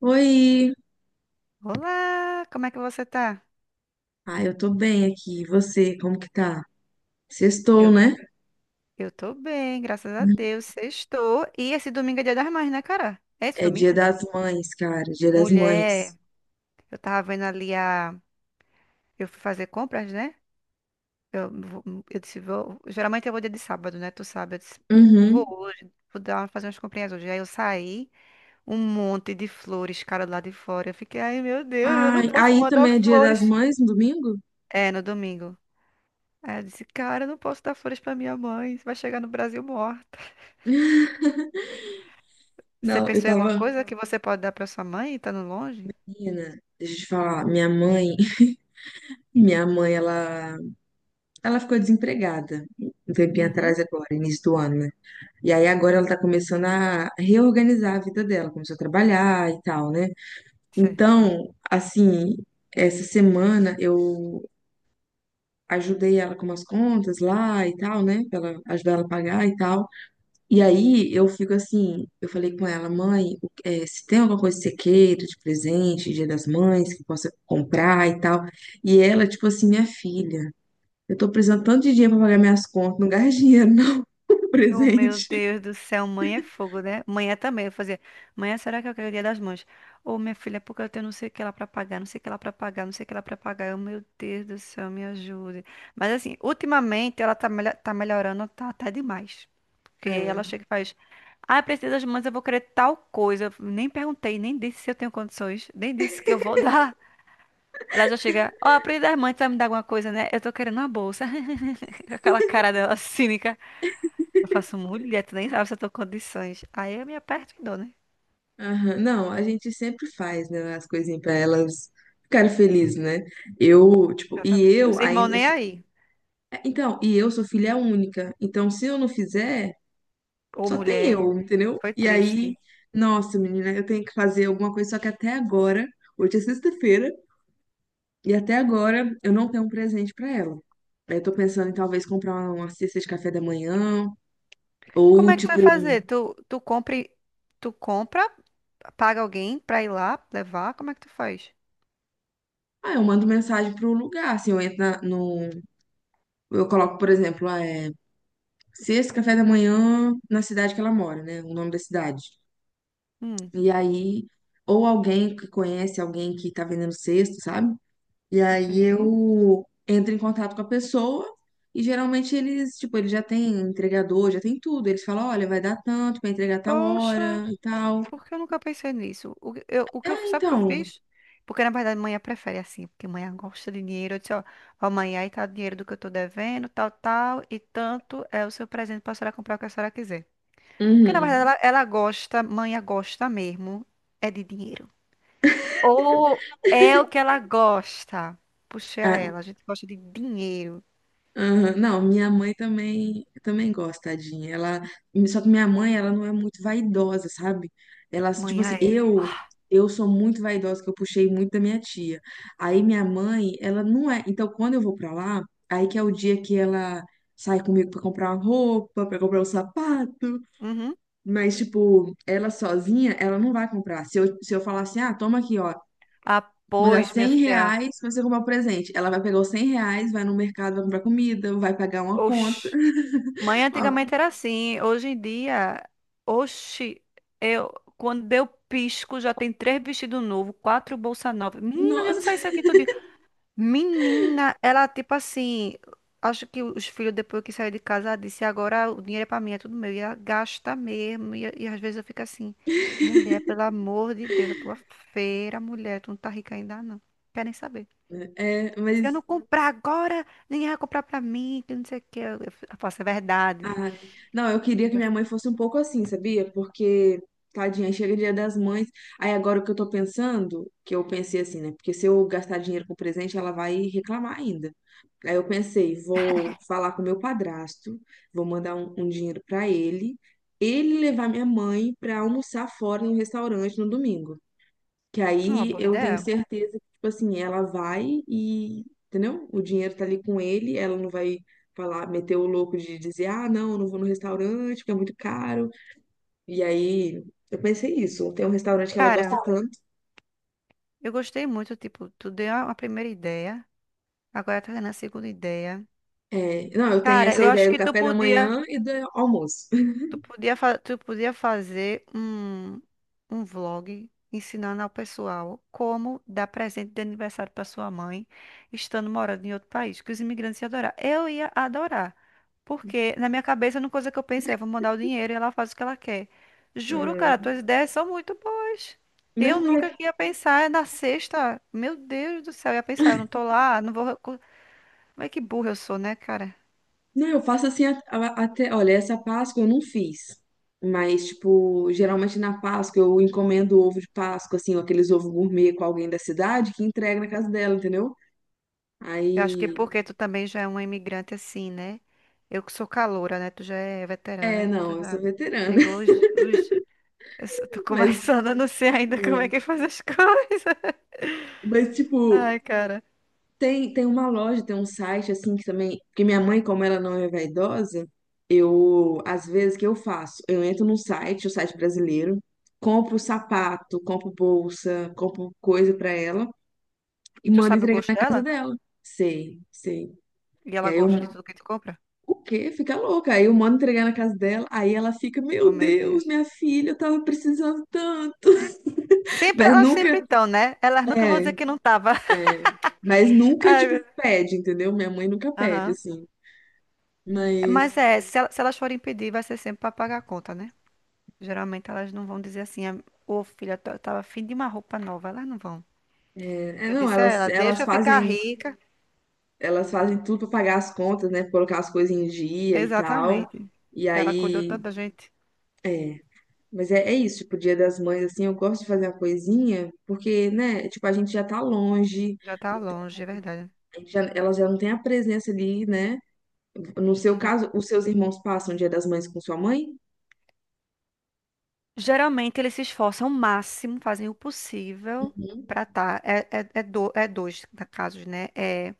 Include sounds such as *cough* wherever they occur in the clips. Oi! Olá, como é que você tá? Ah, eu tô bem aqui. E você, como que tá? Sextou, Eu, né? eu tô bem, graças a Uhum. Deus. Sextou. E esse domingo é Dia das Mães, né, cara? É esse É Dia domingo? das Mães, cara. Dia das Mulher, Mães. eu tava vendo ali a. Eu fui fazer compras, né? Eu, vou- eu disse, vou. Geralmente eu vou dia de sábado, né? Tu sabe. Eu disse, vou Uhum. hoje, fazer umas comprinhas hoje. Aí eu saí, um monte de flores, cara, lá de fora. Eu fiquei, ai, meu Deus, eu não Ai, posso aí mandar também é Dia das flores. Mães no domingo? É, no domingo. Aí eu disse, cara, eu não posso dar flores pra minha mãe. Vai chegar no Brasil morta. Você Não, eu pensou em alguma tava. coisa que você pode dar para sua mãe, estando longe? Menina, deixa eu te falar. Minha mãe, *laughs* minha mãe, ela ficou desempregada um tempinho Uhum, atrás agora, início do ano, né? E aí agora ela tá começando a reorganizar a vida dela, começou a trabalhar e tal, né? certo. Então, assim, essa semana eu ajudei ela com umas contas lá e tal, né? Pra ela ajudar ela a pagar e tal. E aí eu fico assim, eu falei com ela, mãe, se tem alguma coisa que você queira de presente, Dia das Mães, que possa comprar e tal. E ela, tipo assim, minha filha, eu tô precisando tanto de dinheiro pra pagar minhas contas, não gasta dinheiro, não, *laughs* Oh, meu presente. Deus do céu, mãe é fogo, né? Mãe é também, eu fazia. Mãe, é, será que eu quero o dia das mães? Ô, minha filha, é porque eu tenho não sei o que lá pra pagar, não sei o que lá pra pagar, não sei o que lá pra pagar. Eu, meu Deus do céu, me ajude. Mas assim, ultimamente ela tá melhorando, tá até demais. Porque É, ela chega e faz, ah, eu preciso das mães, eu vou querer tal coisa. Eu nem perguntei, nem disse se eu tenho condições, nem disse que eu vou *laughs* dar. Ela já chega, ó, a Pri das Mães vai me dar alguma coisa, né? Eu tô querendo uma bolsa. *laughs* Com aquela cara dela cínica. Eu faço, mulher, tu nem sabe se eu tô com condições. Aí eu me aperto e dou, né? aham. Não, a gente sempre faz, né, as coisinhas pra elas ficarem felizes, né? Eu, tipo, e Exatamente. eu Meus irmãos ainda. Nem aí. Então, e eu sou filha única. Então, se eu não fizer, Ô, só tem mulher, eu, entendeu? foi E aí, triste. nossa, menina, eu tenho que fazer alguma coisa, só que até agora, hoje é sexta-feira, e até agora eu não tenho um presente pra ela. Aí eu tô pensando em talvez comprar uma cesta de café da manhã, Como ou é que tu tipo, vai fazer? Tu compra, paga alguém pra ir lá levar? Como é que tu faz? ah, eu mando mensagem pro lugar, assim, eu entro no. Eu coloco, por exemplo, ah, é, cesta café da manhã na cidade que ela mora, né? O nome da cidade. Hum, E aí, ou alguém que conhece alguém que tá vendendo cesto, sabe? E aí entendi. eu entro em contato com a pessoa e geralmente eles, tipo, eles já têm entregador, já tem tudo. Eles falam, olha, vai dar tanto para entregar tal Poxa. hora e tal. Porque eu nunca pensei nisso. Ah, Sabe o que eu então, fiz? Porque, na verdade, mãe prefere assim, porque mãe gosta de dinheiro. Eu disse, ó, ó, mãe, aí tá o dinheiro do que eu tô devendo, tal, tal, e tanto é o seu presente pra senhora comprar o que a senhora quiser. Porque, na verdade, uhum. ela, hum, ela gosta, mãe gosta mesmo, é de dinheiro. Ou é o que ela gosta. Puxei a Ah, ela, a gente gosta de dinheiro. aham, não, minha mãe também, também gosta, tadinha. Ela, só que minha mãe, ela não é muito vaidosa, sabe? Ela, tipo Mãe assim, é. eu Ah, eu sou muito vaidosa, que eu puxei muito da minha tia. Aí minha mãe, ela não é. Então, quando eu vou pra lá, aí que é o dia que ela sai comigo pra comprar uma roupa, pra comprar um sapato. uhum. Mas, tipo, ela sozinha, ela não vai comprar. Se eu falar assim, ah, toma aqui, ó, Ah, mandar pois, minha 100 filha. reais pra você comprar um presente. Ela vai pegar os R$ 100, vai no mercado, vai comprar comida, vai pagar uma Oxi. Mãe ah, antigamente era assim. Hoje em dia, oxi, eu, quando deu pisco, já tem três vestidos novos, quatro bolsa nova. Menina, eu não nossa. sei isso aqui tudo. Menina, ela tipo assim. Acho que os filhos, depois que saíram de casa, ela disse: agora o dinheiro é pra mim, é tudo meu. E ela gasta mesmo. E às vezes eu fico assim: mulher, pelo amor de Deus, a tua feira, mulher, tu não tá rica ainda não. Quer nem saber. É, Se eu mas. não comprar agora, ninguém vai comprar pra mim, que não sei o que. Eu faço, é verdade. Ai. Não, eu queria que minha mãe fosse um pouco assim, sabia? Porque, tadinha, chega Dia das Mães. Aí agora o que eu tô pensando, que eu pensei assim, né? Porque se eu gastar dinheiro com presente, ela vai reclamar ainda. Aí eu pensei, vou falar com meu padrasto, vou mandar um dinheiro pra ele, ele levar minha mãe pra almoçar fora no restaurante no domingo. Que É uma aí boa eu tenho ideia. certeza que, tipo assim, ela vai e, entendeu? O dinheiro tá ali com ele, ela não vai falar, meter o louco de dizer, ah, não, eu não vou no restaurante, porque é muito caro. E aí eu pensei isso, tem um restaurante que ela gosta Cara, tanto. eu gostei muito, tipo, tu deu a primeira ideia, agora tá dando a segunda ideia. É, não, eu tenho Cara, essa eu acho ideia do que tu café da podia. manhã e do almoço. *laughs* Tu podia fazer um, um vlog ensinando ao pessoal como dar presente de aniversário para sua mãe, estando morando em outro país, que os imigrantes iam adorar. Eu ia adorar, porque na minha cabeça, uma coisa que eu pensei é, vou mandar o dinheiro e ela faz o que ela quer. Juro, cara, Hum. tuas ideias são muito boas. Não, Eu mas é nunca que ia pensar na sexta. Meu Deus do céu, eu ia pensar, eu não tô lá, não vou... recu- Como é que burra eu sou, né, cara? Não, eu faço assim até. Olha, essa Páscoa eu não fiz. Mas, tipo, geralmente na Páscoa eu encomendo ovo de Páscoa, assim, ou aqueles ovos gourmet com alguém da cidade que entrega na casa dela, entendeu? Eu acho Aí. que porque tu também já é uma imigrante assim, né? Eu que sou caloura, né? Tu já é veterana, É, né? não, Tu eu sou já veterana. pegou *laughs* os... Eu só tô Mas, é, começando, eu não sei ainda como é que faz as coisas. mas *laughs* tipo, Ai, cara. tem uma loja, tem um site, assim, que também. Porque minha mãe, como ela não é vaidosa, eu. Às vezes, o que eu faço? Eu entro num site, o site brasileiro, compro sapato, compro bolsa, compro coisa pra ela. E Tu manda sabe o entregar gosto na casa dela? dela. Sei, sei. E E ela aí eu, gosta de tudo que tu compra? o quê? Fica louca. Aí eu mando entregar na casa dela, aí ela fica, Oh, meu meu Deus, Deus. minha filha, eu tava precisando tanto. *laughs* Sempre, Mas elas sempre nunca, estão, né? Elas nunca vão é, dizer que não tava. é, mas *laughs* nunca, Ai, meu tipo, Deus. pede, entendeu? Minha mãe nunca pede, Aham. assim. Mas Mas, é, se elas forem pedir, vai ser sempre pra pagar a conta, né? Geralmente elas não vão dizer assim, ô filha, eu tava afim de uma roupa nova. Elas não vão. é, é, Eu não, disse a elas, ela, deixa eu ficar rica. elas fazem tudo pra pagar as contas, né? Colocar as coisas em dia e tal. Exatamente. E Ela cuidou aí, tanto da gente. é. Mas é, é isso, tipo, Dia das Mães, assim, eu gosto de fazer uma coisinha, porque, né, tipo, a gente já tá longe, Já tá então, longe, é verdade. a gente já- ela já não tem a presença ali, né? No seu Uhum. caso, os seus irmãos passam o Dia das Mães com sua mãe? Geralmente eles se esforçam o máximo, fazem o possível Uhum. pra tá. É casos, né? É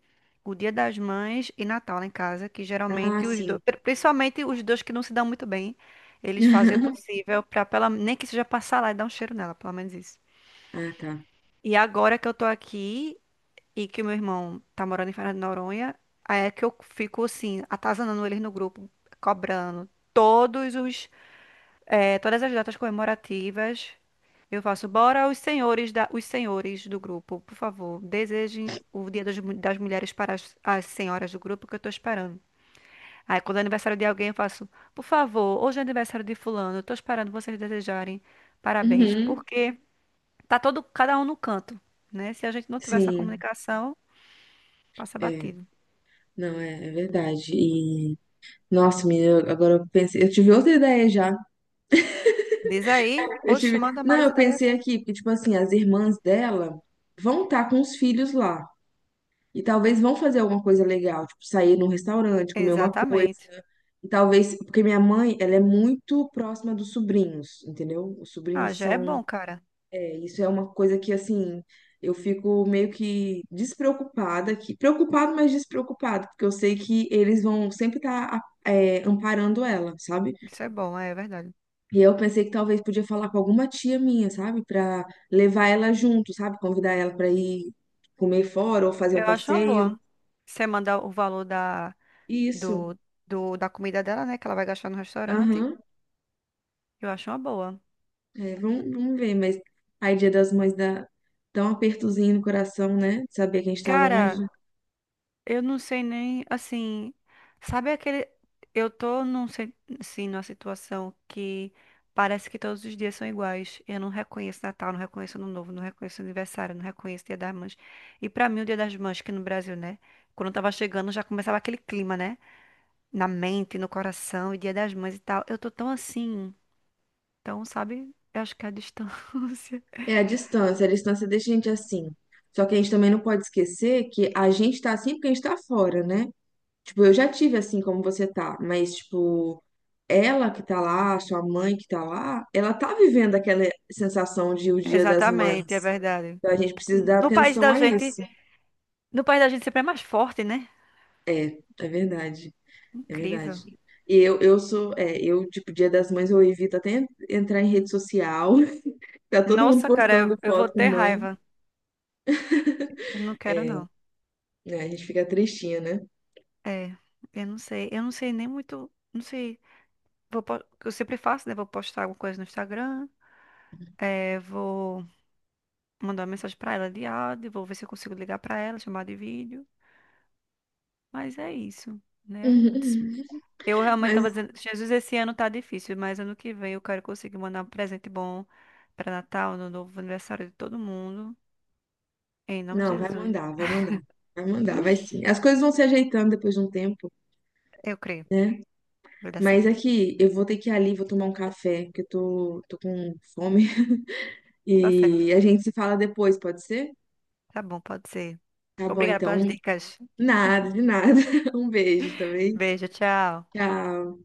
o Dia das Mães e Natal lá em casa, que Ah, geralmente os sim. dois, principalmente os dois que não se dão muito bem, eles fazem o *laughs* possível pra pela, nem que seja passar lá e dar um cheiro nela, pelo menos isso. Ah, tá. E agora que eu tô aqui e que o meu irmão tá morando em Fernando de Noronha, aí é que eu fico assim, atazanando eles no grupo, cobrando todas as datas comemorativas. Eu faço, bora os senhores do grupo, por favor, desejem o Dia das Mulheres para as senhoras do grupo que eu tô esperando. Aí quando é aniversário de alguém, eu faço, por favor, hoje é aniversário de fulano, eu tô esperando vocês desejarem parabéns, Uhum. porque tá todo cada um no canto, né? Se a gente não tiver essa Sim, comunicação, passa é. batido. Não, é, é verdade. E, nossa, menina, agora eu pensei, eu tive outra ideia já. Diz aí, Eu oxe, tive, manda não, mais eu ideias. pensei aqui, porque, tipo assim, as irmãs dela vão estar com os filhos lá. E talvez vão fazer alguma coisa legal, tipo sair num restaurante, comer uma coisa. Exatamente. E talvez, porque minha mãe, ela é muito próxima dos sobrinhos, entendeu? Os Ah, sobrinhos já é são, bom, cara. é, isso é uma coisa que assim, eu fico meio que despreocupada aqui, preocupado, mas despreocupada, porque eu sei que eles vão sempre estar amparando ela, sabe? Isso é bom, é verdade. E eu pensei que talvez podia falar com alguma tia minha, sabe, pra levar ela junto, sabe, convidar ela pra ir comer fora ou fazer um Eu acho uma passeio. boa. Você manda o valor Isso. do, da comida dela, né? Que ela vai gastar no restaurante. Aham. Eu acho uma boa. É, vamos ver, mas aí Dia das Mães dá, dá um apertozinho no coração, né? De saber que a gente tá longe. Cara, eu não sei nem, assim, sabe aquele, eu tô num, se- assim, numa situação que parece que todos os dias são iguais. Eu não reconheço Natal, não reconheço Ano Novo, não reconheço aniversário, não reconheço Dia das Mães. E pra mim o Dia das Mães que no Brasil, né? Quando eu tava chegando já começava aquele clima, né? Na mente, no coração, e Dia das Mães e tal. Eu tô tão assim, então, sabe? Eu acho que é a distância. *laughs* É a distância deixa a gente assim. Só que a gente também não pode esquecer que a gente tá assim porque a gente tá fora, né? Tipo, eu já tive assim como você tá, mas tipo, ela que tá lá, sua mãe que tá lá, ela tá vivendo aquela sensação de o Dia das Exatamente, é Mães. verdade. Então a gente precisa dar No país atenção da a gente, isso. no país da gente sempre é mais forte, né? É verdade. É Incrível. verdade. E eu sou, é, eu, tipo, Dia das Mães, eu evito até entrar em rede social. *laughs* Tá todo mundo Nossa, cara, eu, postando eu vou foto com ter mãe. raiva. Não quero, não. Né? A gente fica tristinha, né? É, eu não sei. Eu não sei nem muito. Não sei. Eu sempre faço, né? Vou postar alguma coisa no Instagram. É, vou mandar uma mensagem pra ela de áudio. Vou ver se eu consigo ligar pra ela, chamar de vídeo. Mas é isso, né? Eu *laughs* realmente Mas, tava dizendo, Jesus, esse ano tá difícil, mas ano que vem eu quero conseguir mandar um presente bom pra Natal, no novo aniversário de todo mundo. Em nome de não, vai Jesus. mandar, vai mandar. Vai mandar, vai *laughs* sim. As coisas vão se ajeitando depois de um tempo, Eu creio. né? Vai dar Mas certo. aqui, eu vou ter que ir ali, vou tomar um café, que eu tô, tô com fome. *laughs* Tá certo. E a gente se fala depois, pode ser? Tá bom, pode ser. Tá bom, Obrigada então. pelas dicas. Nada, de nada. *laughs* Um beijo também. Beijo, tchau. Tchau.